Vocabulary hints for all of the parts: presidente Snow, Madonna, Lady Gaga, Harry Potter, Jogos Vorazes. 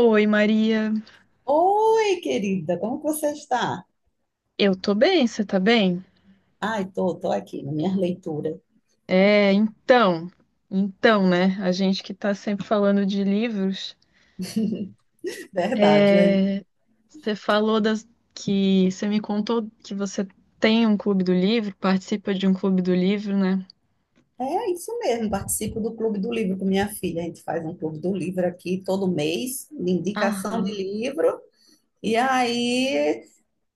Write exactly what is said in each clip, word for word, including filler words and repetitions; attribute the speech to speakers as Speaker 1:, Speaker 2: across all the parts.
Speaker 1: Oi, Maria.
Speaker 2: Oi, querida, como que você está?
Speaker 1: Eu tô bem, você tá bem?
Speaker 2: Ai, tô, tô aqui na minha leitura.
Speaker 1: É, então, então, né? A gente que tá sempre falando de livros,
Speaker 2: Verdade, é,
Speaker 1: é, você falou das, que você me contou que você tem um clube do livro, participa de um clube do livro, né?
Speaker 2: é isso mesmo. Participo do Clube do Livro com minha filha. A gente faz um Clube do Livro aqui todo mês, de indicação de
Speaker 1: Aham,
Speaker 2: livro. E aí,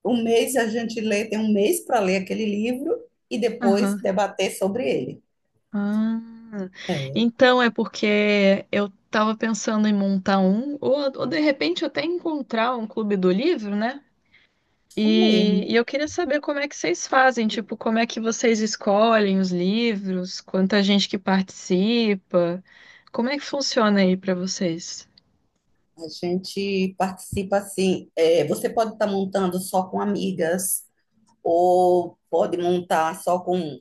Speaker 2: um mês a gente lê, tem um mês para ler aquele livro e depois
Speaker 1: aham.
Speaker 2: debater sobre ele.
Speaker 1: Ah,
Speaker 2: É
Speaker 1: então é porque eu tava pensando em montar um, ou, ou de repente até encontrar um clube do livro, né?
Speaker 2: isso
Speaker 1: E,
Speaker 2: mesmo.
Speaker 1: e eu queria saber como é que vocês fazem, tipo, como é que vocês escolhem os livros, quanta gente que participa, como é que funciona aí pra vocês?
Speaker 2: A gente participa assim. É, você pode estar montando só com amigas ou pode montar só com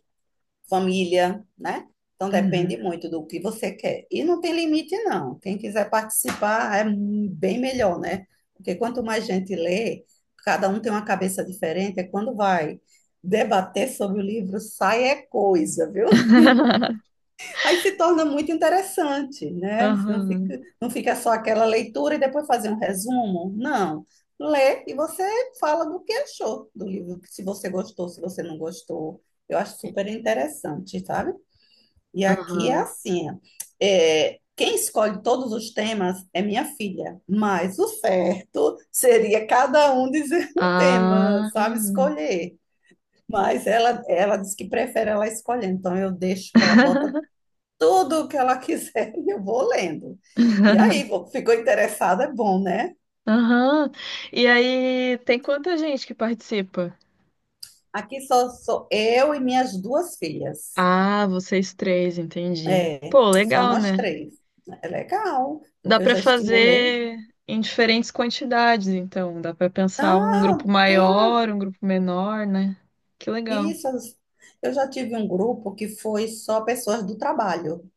Speaker 2: família, né? Então depende
Speaker 1: Uhum.
Speaker 2: muito do que você quer. E não tem limite, não. Quem quiser participar é bem melhor, né? Porque quanto mais gente lê, cada um tem uma cabeça diferente, é quando vai debater sobre o livro, sai é coisa, viu? Aí se torna muito interessante, né? Não
Speaker 1: Aham.
Speaker 2: fica, não fica só aquela leitura e depois fazer um resumo. Não. Lê e você fala do que achou do livro, se você gostou, se você não gostou. Eu acho super interessante, sabe? E aqui é
Speaker 1: Aham.
Speaker 2: assim, ó. É, quem escolhe todos os temas é minha filha, mas o certo seria cada um dizer um tema,
Speaker 1: Ah.
Speaker 2: sabe, escolher. Mas ela, ela diz que prefere ela escolher, então eu deixo que ela bota tudo o que ela quiser e eu vou lendo. E aí, vou- ficou interessada, é bom, né?
Speaker 1: Aham. E aí, tem quanta gente que participa?
Speaker 2: Aqui só sou eu e minhas duas filhas.
Speaker 1: Ah, vocês três, entendi.
Speaker 2: É,
Speaker 1: Pô,
Speaker 2: só
Speaker 1: legal,
Speaker 2: nós
Speaker 1: né?
Speaker 2: três. É legal,
Speaker 1: Dá
Speaker 2: porque eu
Speaker 1: para
Speaker 2: já estimulei.
Speaker 1: fazer em diferentes quantidades, então. Dá para pensar um
Speaker 2: Ah, tá.
Speaker 1: grupo maior, um grupo menor, né? Que legal.
Speaker 2: Isso, eu já tive um grupo que foi só pessoas do trabalho.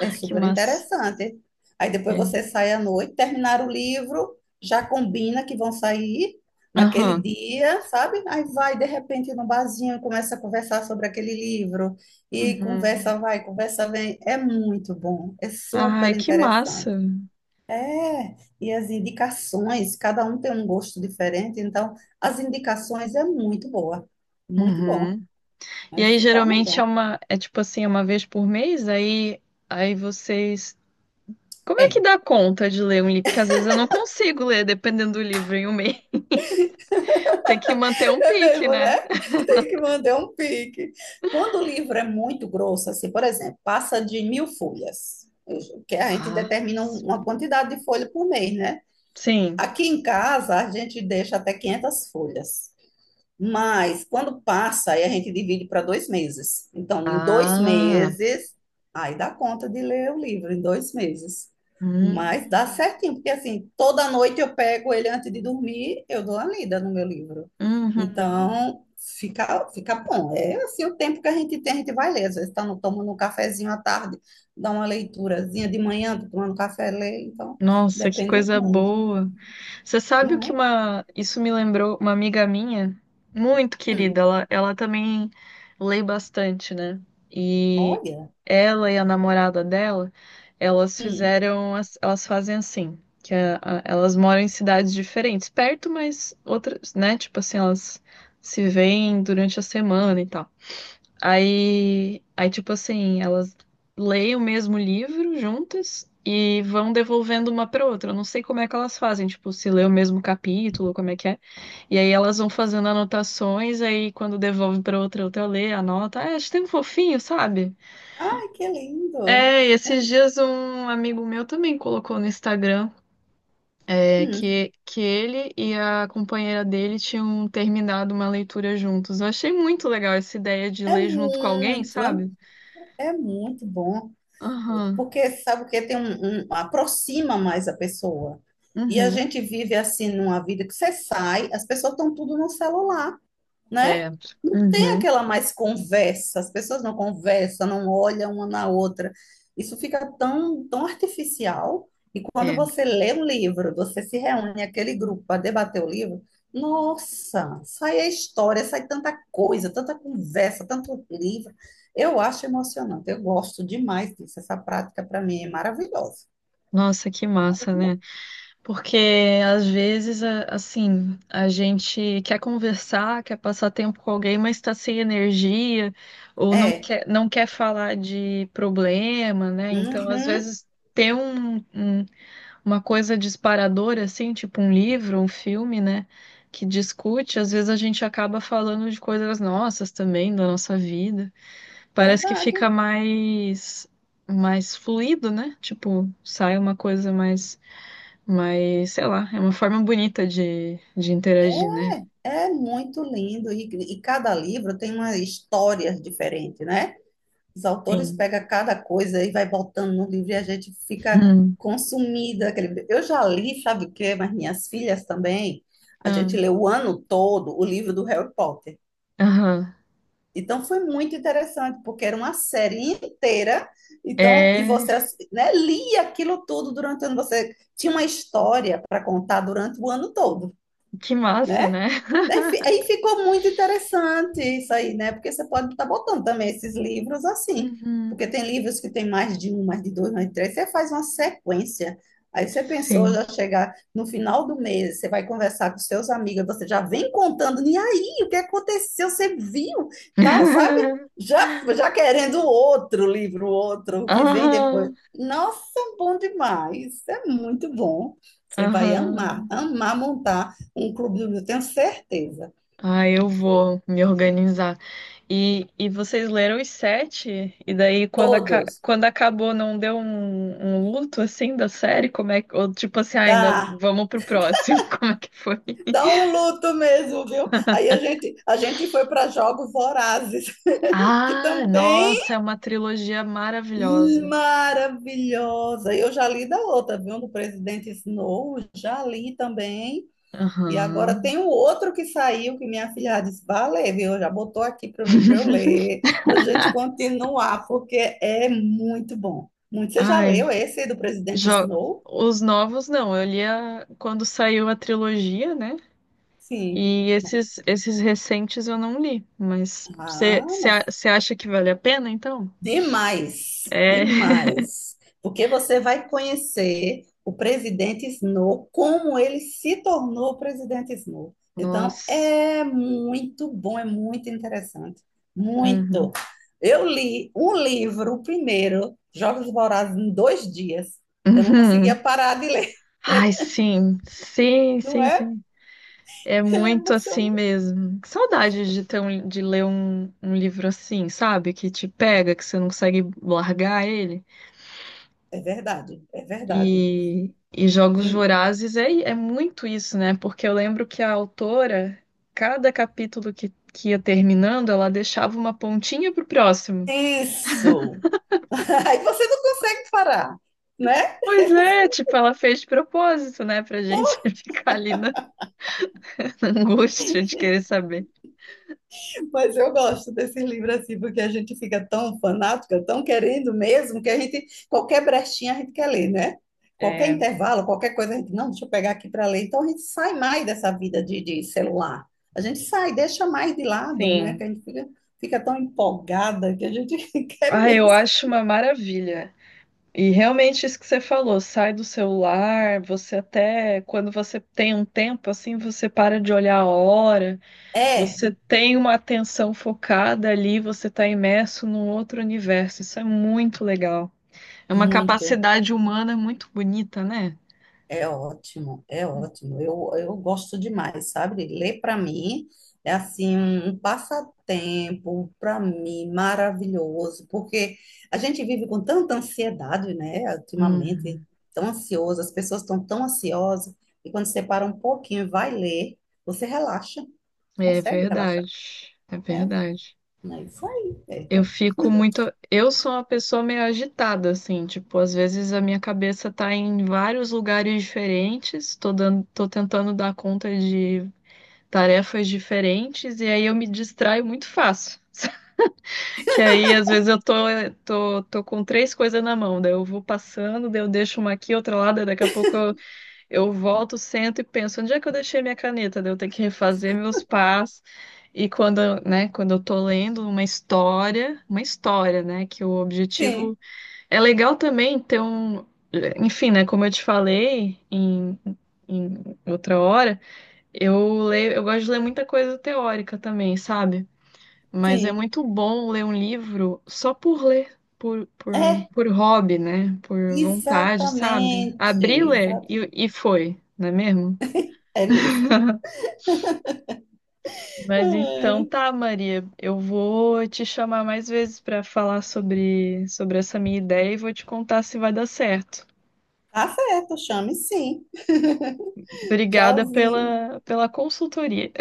Speaker 2: É
Speaker 1: que
Speaker 2: super
Speaker 1: massa.
Speaker 2: interessante. Aí depois
Speaker 1: É.
Speaker 2: você sai à noite, terminar o livro, já combina que vão sair naquele
Speaker 1: Aham.
Speaker 2: dia, sabe? Aí vai de repente no barzinho, começa a conversar sobre aquele livro e
Speaker 1: Uhum.
Speaker 2: conversa vai, conversa vem. É muito bom, é super
Speaker 1: Ai, que massa.
Speaker 2: interessante. É, e as indicações, cada um tem um gosto diferente, então as indicações é muito boa, muito bom.
Speaker 1: Uhum. E
Speaker 2: Aí
Speaker 1: aí,
Speaker 2: se torna
Speaker 1: geralmente é
Speaker 2: bom.
Speaker 1: uma, é tipo assim, é uma vez por mês, aí, aí vocês. Como é que
Speaker 2: É.
Speaker 1: dá conta de ler um livro? Porque às vezes eu não consigo ler, dependendo do livro, em um mês. Tem que manter um
Speaker 2: É
Speaker 1: pique,
Speaker 2: mesmo,
Speaker 1: né?
Speaker 2: né? Tem que manter um pique. Quando o livro é muito grosso, assim, por exemplo, passa de mil folhas, eu- que a gente
Speaker 1: Ah,
Speaker 2: determina um- uma
Speaker 1: sim.
Speaker 2: quantidade de folha por mês, né?
Speaker 1: Sim.
Speaker 2: Aqui em casa, a gente deixa até quinhentas folhas. Mas quando passa, aí a gente divide para dois meses. Então, em dois
Speaker 1: Ah.
Speaker 2: meses, aí dá conta de ler o livro, em dois meses. Mas dá
Speaker 1: Hum.
Speaker 2: certinho, porque assim, toda noite eu pego ele antes de dormir, eu dou a lida no meu livro.
Speaker 1: Uhum.
Speaker 2: Então, fica, fica bom. É assim, o tempo que a gente tem, a gente vai ler. Às vezes está tomando um cafezinho à tarde, dá uma leiturazinha de manhã, tô tomando café, lê. Então,
Speaker 1: Nossa, que
Speaker 2: depende
Speaker 1: coisa
Speaker 2: muito,
Speaker 1: boa. Você sabe o
Speaker 2: não
Speaker 1: que
Speaker 2: é?
Speaker 1: uma. Isso me lembrou uma amiga minha, muito querida.
Speaker 2: Hum,
Speaker 1: Ela, ela também lê bastante, né? E
Speaker 2: olha.
Speaker 1: ela e a namorada dela, elas
Speaker 2: Hum.
Speaker 1: fizeram. as- Elas fazem assim, que a- a- elas moram em cidades diferentes, perto, mas outras, né? Tipo assim, elas se veem durante a semana e tal. Aí, aí, tipo assim, elas leem o mesmo livro juntas e vão devolvendo uma para outra. Eu não sei como é que elas fazem, tipo, se lê o mesmo capítulo, como é que é. E aí elas vão fazendo anotações, aí quando devolve para outra, outra lê, anota. Ah, acho tão fofinho, sabe?
Speaker 2: Ai, que lindo!
Speaker 1: É, e esses dias um amigo meu também colocou no Instagram é,
Speaker 2: Hum,
Speaker 1: que, que ele e a companheira dele tinham terminado uma leitura juntos. Eu achei muito legal essa ideia de
Speaker 2: é
Speaker 1: ler junto com alguém,
Speaker 2: muito,
Speaker 1: sabe?
Speaker 2: é muito bom,
Speaker 1: Aham.
Speaker 2: porque sabe o que tem um, um- aproxima mais a pessoa. E a
Speaker 1: Uhum.
Speaker 2: gente vive assim numa vida que você sai, as pessoas estão tudo no celular. Né?
Speaker 1: É.
Speaker 2: Não tem
Speaker 1: Uhum.
Speaker 2: aquela mais conversa, as pessoas não conversam, não olham uma na outra. Isso fica tão, tão artificial. E quando
Speaker 1: É.
Speaker 2: você lê um livro, você se reúne aquele grupo para debater o livro, nossa, sai a história, sai tanta coisa, tanta conversa, tanto livro. Eu acho emocionante, eu gosto demais disso. Essa prática para mim é maravilhosa.
Speaker 1: Nossa, que massa,
Speaker 2: Maravilhoso.
Speaker 1: né? Porque às vezes, a- assim, a gente quer conversar, quer passar tempo com alguém, mas está sem energia, ou não
Speaker 2: É,
Speaker 1: quer, não quer falar de problema, né? Então, às
Speaker 2: uhum,
Speaker 1: vezes, ter um, um- uma coisa disparadora, assim, tipo um livro, um filme, né? Que discute, às vezes a gente acaba falando de coisas nossas também, da nossa vida. Parece que fica
Speaker 2: verdade.
Speaker 1: mais mais fluido, né? Tipo, sai uma coisa mais mais, sei lá, é uma forma bonita de, de interagir, né?
Speaker 2: É muito lindo e, e cada livro tem uma história diferente, né? Os autores
Speaker 1: Sim.
Speaker 2: pegam cada coisa e vai botando no livro e a gente fica
Speaker 1: Hum.
Speaker 2: consumida. Aquele... Eu já li, sabe o quê? Mas minhas filhas também. A gente
Speaker 1: Ah,
Speaker 2: leu o ano todo o livro do Harry Potter.
Speaker 1: aham.
Speaker 2: Então foi muito interessante, porque era uma série inteira, então, e
Speaker 1: É,
Speaker 2: você, né, lia aquilo tudo durante o ano, você tinha uma história para contar durante o ano todo,
Speaker 1: que massa,
Speaker 2: né?
Speaker 1: né?
Speaker 2: Daí fi- aí ficou muito interessante isso aí, né? Porque você pode estar botando também esses livros assim, porque
Speaker 1: Uhum.
Speaker 2: tem livros que tem mais de um, mais de dois, mais de três, você faz uma sequência. Aí você pensou
Speaker 1: Sim.
Speaker 2: já chegar no final do mês, você vai conversar com seus amigos, você já vem contando, e aí, o que aconteceu? Você viu, tal, sabe? Já, já querendo outro livro, outro, o que vem depois.
Speaker 1: Aham.
Speaker 2: Nossa, é bom demais, é muito bom. Você vai amar,
Speaker 1: Aham.
Speaker 2: amar montar um clubinho, eu tenho certeza.
Speaker 1: Ah, eu vou me organizar. E, e vocês leram os sete? E daí, quando, aca-
Speaker 2: Todos.
Speaker 1: quando acabou, não deu um, um luto assim da série? Como é que... Ou tipo assim, ah, ainda
Speaker 2: Dá,
Speaker 1: vamos pro próximo? Como é que foi?
Speaker 2: dá um luto mesmo, viu? Aí a gente, a gente foi para Jogos Vorazes, que
Speaker 1: Ah,
Speaker 2: também
Speaker 1: nossa, é uma trilogia maravilhosa.
Speaker 2: maravilhosa. Eu já li da outra, viu? Do presidente Snow, já li também. E agora
Speaker 1: Aham.
Speaker 2: tem o outro que saiu, que minha filha disse, valeu, viu? Já botou aqui para mim para eu ler, para a gente continuar, porque é muito bom. Muito. Você já
Speaker 1: Ai,
Speaker 2: leu esse do presidente
Speaker 1: jo...
Speaker 2: Snow?
Speaker 1: os novos não. Eu li a- quando saiu a trilogia, né?
Speaker 2: Sim.
Speaker 1: E esses, esses recentes eu não li, mas
Speaker 2: Ah,
Speaker 1: você
Speaker 2: mas
Speaker 1: acha que vale a pena, então?
Speaker 2: Demais,
Speaker 1: É.
Speaker 2: demais. Porque você vai conhecer o presidente Snow, como ele se tornou o presidente Snow. Então,
Speaker 1: Nossa.
Speaker 2: é muito bom, é muito interessante. Muito.
Speaker 1: Uhum.
Speaker 2: Eu li um livro, o primeiro, Jogos Vorazes, em dois dias. Eu não conseguia
Speaker 1: Uhum.
Speaker 2: parar de ler,
Speaker 1: Ai, sim. Sim,
Speaker 2: não
Speaker 1: sim,
Speaker 2: é?
Speaker 1: sim. É
Speaker 2: Ele é
Speaker 1: muito assim
Speaker 2: emocionante.
Speaker 1: mesmo. Que saudade de ter um- de ler um, um livro assim, sabe? Que te pega, que você não consegue largar ele.
Speaker 2: É verdade, é verdade.
Speaker 1: E, e Jogos
Speaker 2: Tem-
Speaker 1: Vorazes é, é muito isso, né? Porque eu lembro que a autora, cada capítulo que, que ia terminando, ela deixava uma pontinha pro próximo.
Speaker 2: Isso. Aí você não consegue parar, né?
Speaker 1: Pois é, tipo, ela fez de propósito, né? Pra gente ficar ali na, na angústia de querer saber.
Speaker 2: Mas eu gosto desse livro assim, porque a gente fica tão fanática, tão querendo mesmo, que a gente, qualquer brechinha a gente quer ler, né? Qualquer
Speaker 1: É,
Speaker 2: intervalo, qualquer coisa, a gente, não, deixa eu pegar aqui para ler. Então a gente sai mais dessa vida de, de celular. A gente sai, deixa mais de lado, né? Que
Speaker 1: sim.
Speaker 2: a gente fica, fica tão empolgada que a gente quer
Speaker 1: Ah, eu
Speaker 2: mesmo.
Speaker 1: acho uma maravilha. E realmente isso que você falou, sai do celular, você até, quando você tem um tempo, assim, você para de olhar a hora.
Speaker 2: É,
Speaker 1: Você tem uma atenção focada ali, você está imerso num outro universo. Isso é muito legal. É uma
Speaker 2: muito.
Speaker 1: capacidade humana muito bonita, né?
Speaker 2: É ótimo, é ótimo. Eu, eu gosto demais, sabe? Ler para mim é assim um um passatempo para mim maravilhoso, porque a gente vive com tanta ansiedade, né? Ultimamente,
Speaker 1: Uhum.
Speaker 2: tão ansioso, as pessoas estão tão ansiosas, e quando você para um pouquinho e vai ler, você relaxa,
Speaker 1: É
Speaker 2: consegue relaxar,
Speaker 1: verdade. É
Speaker 2: né?
Speaker 1: verdade.
Speaker 2: É isso aí,
Speaker 1: Eu
Speaker 2: Pedro.
Speaker 1: fico muito. Eu sou uma pessoa meio agitada, assim. Tipo, às vezes a minha cabeça tá em vários lugares diferentes. Tô dando... tô tentando dar conta de tarefas diferentes. E aí eu me distraio muito fácil. Que aí, às vezes, eu tô, tô, tô com três coisas na mão, daí eu vou passando, daí eu deixo uma aqui, outra lá, daí daqui a pouco eu, eu volto, sento e penso, onde é que eu deixei minha caneta? Daí eu tenho que refazer meus pás. E quando, eu- né, quando eu tô lendo uma história, uma história, né, que o
Speaker 2: Sim,
Speaker 1: objetivo... É legal também ter um... Enfim, né, como eu te falei em, em outra hora, eu leio, eu gosto de ler muita coisa teórica também, sabe? Mas é
Speaker 2: sim.
Speaker 1: muito bom ler um livro só por ler, por, por,
Speaker 2: É,
Speaker 1: por hobby, né? Por vontade, sabe?
Speaker 2: exatamente,
Speaker 1: Abri, ler
Speaker 2: exatamente.
Speaker 1: e, e foi, não é mesmo?
Speaker 2: É mesmo.
Speaker 1: Mas então
Speaker 2: Ai,
Speaker 1: tá, Maria, eu vou te chamar mais vezes para falar sobre, sobre essa minha ideia e vou te contar se vai dar certo.
Speaker 2: tá certo, chame sim.
Speaker 1: Obrigada
Speaker 2: Tchauzinho.
Speaker 1: pela, pela consultoria.